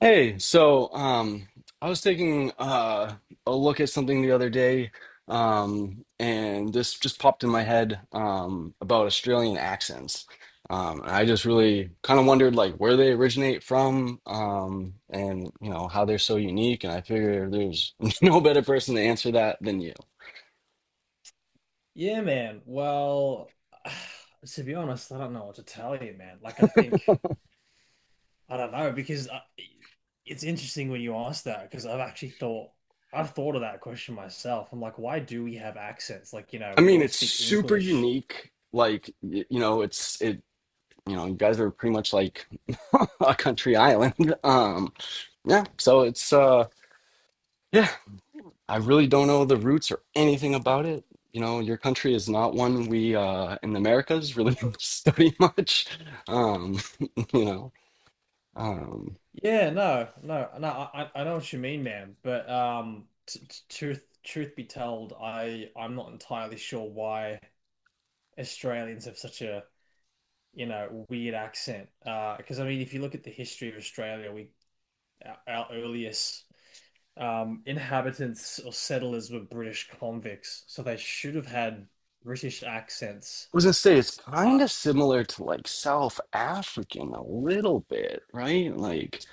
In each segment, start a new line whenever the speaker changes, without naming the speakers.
Hey, I was taking a look at something the other day, and this just popped in my head about Australian accents. And I just really kind of wondered like where they originate from, and you know how they're so unique. And I figure there's no better person to answer that than you.
Yeah, man. Well, to be honest, I don't know what to tell you, man. I think, I don't know, because it's interesting when you ask that, because I've thought of that question myself. I'm like, why do we have accents? Like, you know,
I
we
mean,
all
it's
speak
super
English.
unique. Like you know, it's it. You know, you guys are pretty much like a country island. Um, yeah, so it's Yeah, I really don't know the roots or anything about it. You know, your country is not one we in the Americas really study much. Um, you know, um,
Yeah, no, no, no, I know what you mean, man. But, truth be told, I'm not entirely sure why Australians have such a you know, weird accent. Because I mean, if you look at the history of Australia, we our earliest inhabitants or settlers were British convicts, so they should have had British accents.
I was gonna say it's
Uh,
kind of similar to like South African a little bit, right?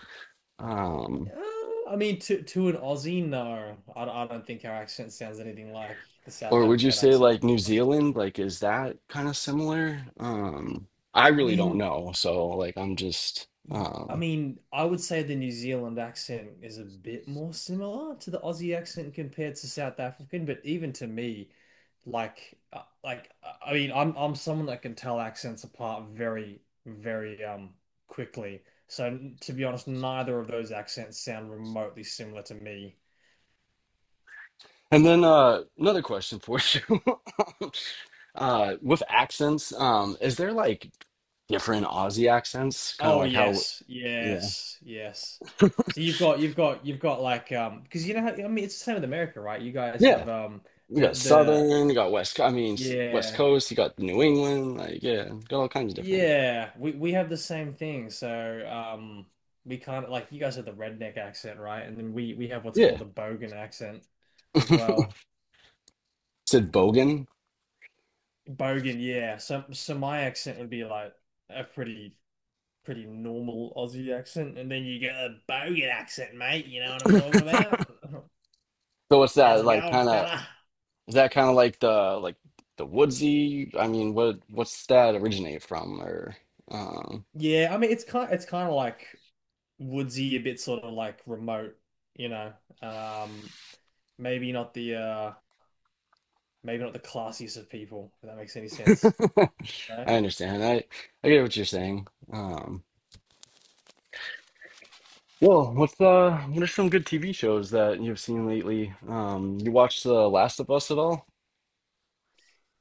um,
I mean, to an Aussie, no, I don't think our accent sounds anything like the South
or would you
African
say
accent, to
like
be
New
honest.
Zealand? Like, is that kind of similar? I
I
really don't
mean,
know. I'm just,
I mean, I would say the New Zealand accent is a bit more similar to the Aussie accent compared to South African, but even to me, I mean, I'm someone that can tell accents apart very, very quickly. So to be honest, neither of those accents sound remotely similar to me.
and then another question for you. With accents, is there like different Aussie accents? Kind of
Oh
like how,
yes,
yeah,
yes, yes. So you've got like because you know how, I mean it's the same with America, right? You guys have
yeah. You got
the
Southern, you got West. I mean, West
yeah.
Coast. You got New England. Like, yeah, got all kinds of different.
Yeah, we have the same thing. So, we kind of like you guys have the redneck accent, right? And then we have what's called
Yeah,
the Bogan accent as well.
said Bogan.
Bogan, yeah. So my accent would be like a pretty normal Aussie accent, and then you get a Bogan accent, mate. You know what I'm talking about?
So what's
How's
that
it
like?
going, fella?
Is that kind of like the woodsy? I mean, what's that originate from? Or um,
Yeah, I mean it's kind of like woodsy, a bit sort of like remote, you know. Um, maybe not the uh Maybe not the classiest of people, if that makes any sense. You know?
I understand. I get what you're saying. um, Well, what are some good TV shows that you've seen lately? You watched The Last of Us at all?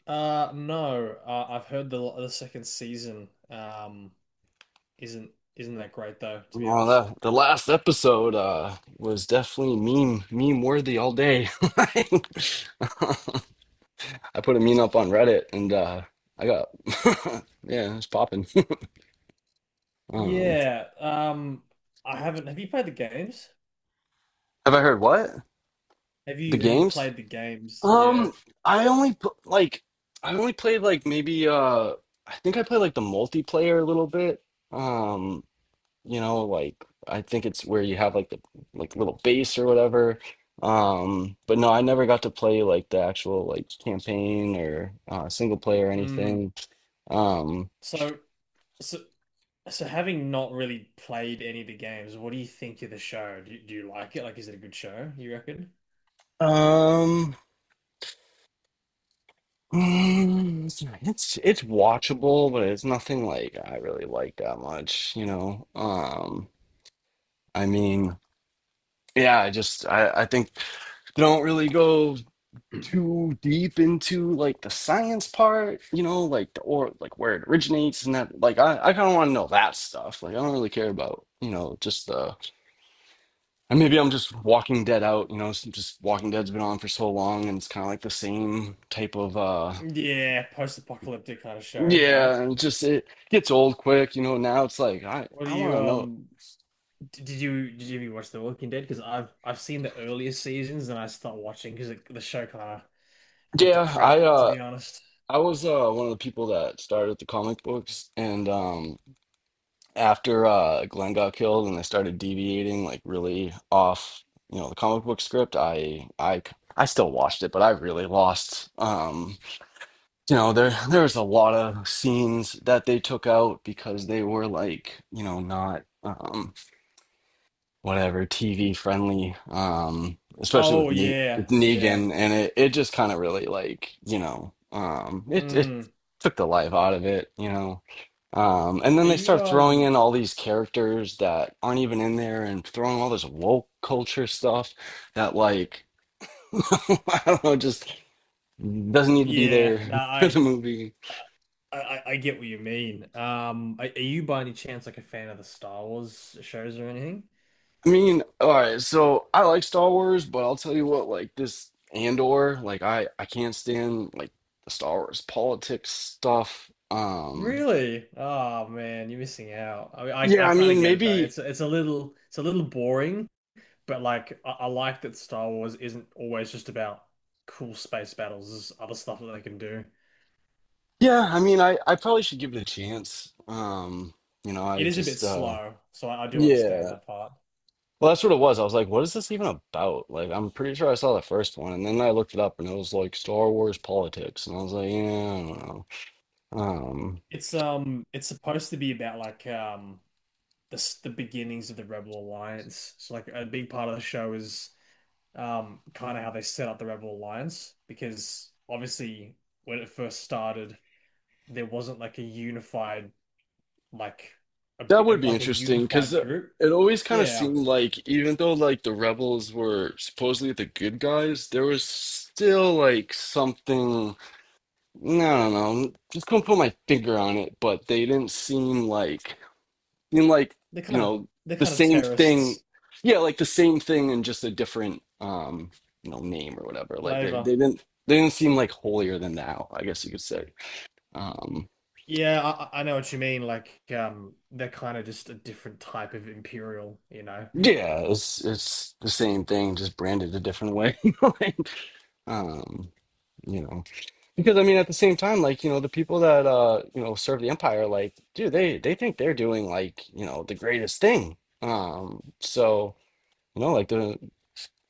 No, I've heard the second season isn't that great though, to be
Well,
honest.
that the last episode was definitely meme worthy all day. I put a meme up on Reddit and I got yeah, it's popping. Um,
Yeah, I haven't. Have you played the games?
have I heard what? The
Have you
games?
played the games? Yeah.
Um, I only pl- like I only played like maybe I think I played like the multiplayer a little bit. Um, you know like I think it's where you have like the like little base or whatever, um, but no, I never got to play like the actual like campaign or single player or
Mm.
anything. um
So so so having not really played any of the games, what do you think of the show? Do you like it? Like, is it a good show, you reckon?
um mm, it's it's watchable but it's nothing like I really like that much, you know. I mean yeah, I just I think they don't really go too deep into like the science part, you know, like the or like where it originates and that. Like I kind of want to know that stuff. Like I don't really care about, you know, just the and maybe I'm just Walking Dead out, you know, just Walking Dead's been on for so long and it's kind of like the same type of
Yeah, post-apocalyptic kind of show, right?
Yeah, and just it gets old quick, you know. Now it's like I
What do
I want
you
to know.
Did you ever watch The Walking Dead? Because I've seen the earliest seasons and I stopped watching because the show kind of went to
Yeah, I
crap, to
uh
be honest.
I was one of the people that started the comic books, and after Glenn got killed, and I started deviating like really off, you know, the comic book script. I still watched it, but I really lost. You know, there was a lot of scenes that they took out because they were like, you know, not, whatever, TV friendly, especially with,
Oh
with
yeah, yeah.
Negan, and it just kind of really like, you know, it it
Mm.
took the life out of it, you know, and then
Are
they
you
start throwing
um?
in all these characters that aren't even in there, and throwing all this woke culture stuff that like I don't know, just doesn't need to be
Yeah.
there
No,
for
I
the movie.
I I I get what you mean. Are you by any chance like a fan of the Star Wars shows or anything?
I mean, all right, so I like Star Wars, but I'll tell you what, like this Andor, like I can't stand like the Star Wars politics stuff.
Really? Oh man, you're missing out. I mean,
Yeah,
I
I
kind of
mean,
get it though.
maybe
It's a little boring. But like, I like that Star Wars isn't always just about cool space battles. There's other stuff that they can do.
yeah, I mean, I probably should give it a chance. You know, I
It is a bit
just
slow, so I do understand
Yeah.
that part.
Well, that's what it was. I was like, what is this even about? Like, I'm pretty sure I saw the first one, and then I looked it up, and it was like Star Wars politics, and I was like, yeah, I don't know. Um,
It's supposed to be about like the beginnings of the Rebel Alliance. So like a big part of the show is kind of how they set up the Rebel Alliance because obviously when it first started, there wasn't like a unified like
That would be
like a
interesting because
unified group.
it always kind of
Yeah,
seemed like even though like the rebels were supposedly the good guys, there was still like something, I don't know, just couldn't put my finger on it, but they didn't seem like,
they're
you
kind of
know, the same thing.
terrorists
Yeah, like the same thing in just a different, you know, name or whatever. Like
flavor.
they didn't seem like holier than thou, I guess you could say. Um,
Yeah, I know what you mean. Like, they're kind of just a different type of imperial, you know.
yeah, it's the same thing, just branded a different way. um you know, because I mean at the same time like, you know, the people that you know serve the empire, like dude, they think they're doing like, you know, the greatest thing. um so you know like the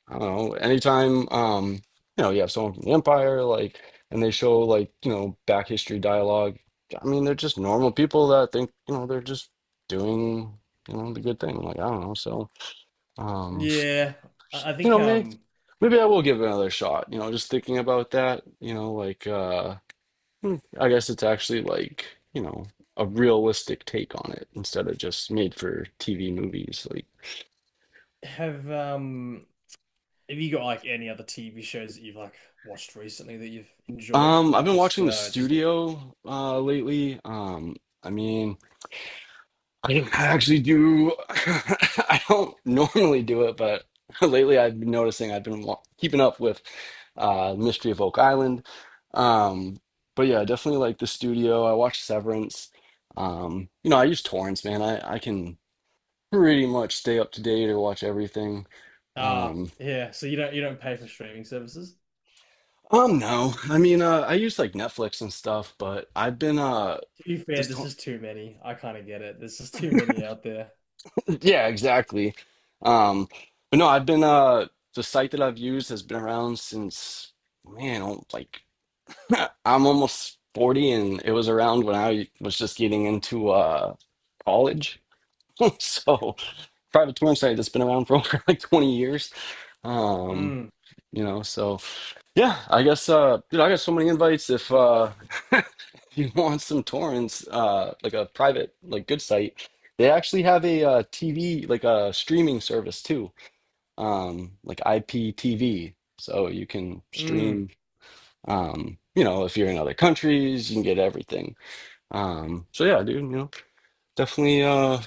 I don't know, anytime, you know, you have someone from the empire like and they show like, you know, back history dialogue, I mean they're just normal people that think, you know, they're just doing, you know, the good thing. Like I don't know. Um
Yeah, I
you
think
know, maybe I will give it another shot, you know, just thinking about that, you know, Hmm, I guess it's actually like, you know, a realistic take on it instead of just made for TV movies. Like,
have um, have you got like any other TV shows that you've like watched recently that you've enjoyed, or
I've been watching The
just
Studio lately. I mean, I don't actually do I don't normally do it, but lately I've been noticing I've been keeping up with Mystery of Oak Island. Um, but yeah, I definitely like The Studio. I watched Severance. You know, I use torrents, man. I can pretty much stay up to date or watch everything.
ah,
Um,
yeah. So you don't pay for streaming services.
no, I mean, I use like Netflix and stuff, but I've been
To be fair,
just
this is too many. I kind of get it. There's just too many out there.
Yeah, exactly. Um, but no, I've been The site that I've used has been around since man, I like I'm almost 40, and it was around when I was just getting into college. So, private touring site that's been around for over like 20 years. Um,
Mm,
you know, so. Yeah, dude, I got so many invites if if you want some torrents, like a private like good site. They actually have a TV like a streaming service too. Um, like IPTV. So you can
mm,
stream, you know, if you're in other countries, you can get everything. Yeah, dude, you know, definitely uh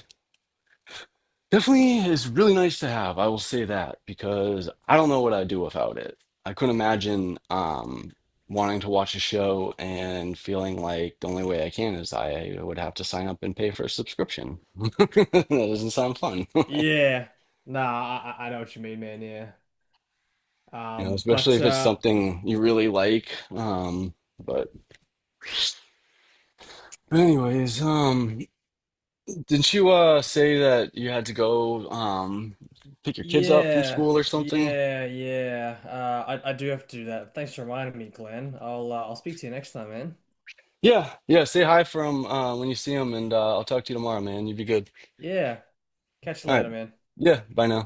definitely is really nice to have. I will say that because I don't know what I'd do without it. I couldn't imagine, wanting to watch a show and feeling like the only way I can is I would have to sign up and pay for a subscription. That doesn't sound fun, you
yeah. Nah, I know what you mean, man. Yeah.
know, especially
But
if it's something you really like. But Anyways, didn't you say that you had to go pick your kids up from
yeah,
school or something?
yeah, yeah. I do have to do that. Thanks for reminding me, Glenn. I'll speak to you next time, man.
Yeah, yeah. Say hi from when you see him, and I'll talk to you tomorrow, man. You'd be good.
Yeah. Catch you
All right.
later, man.
Yeah. Bye now.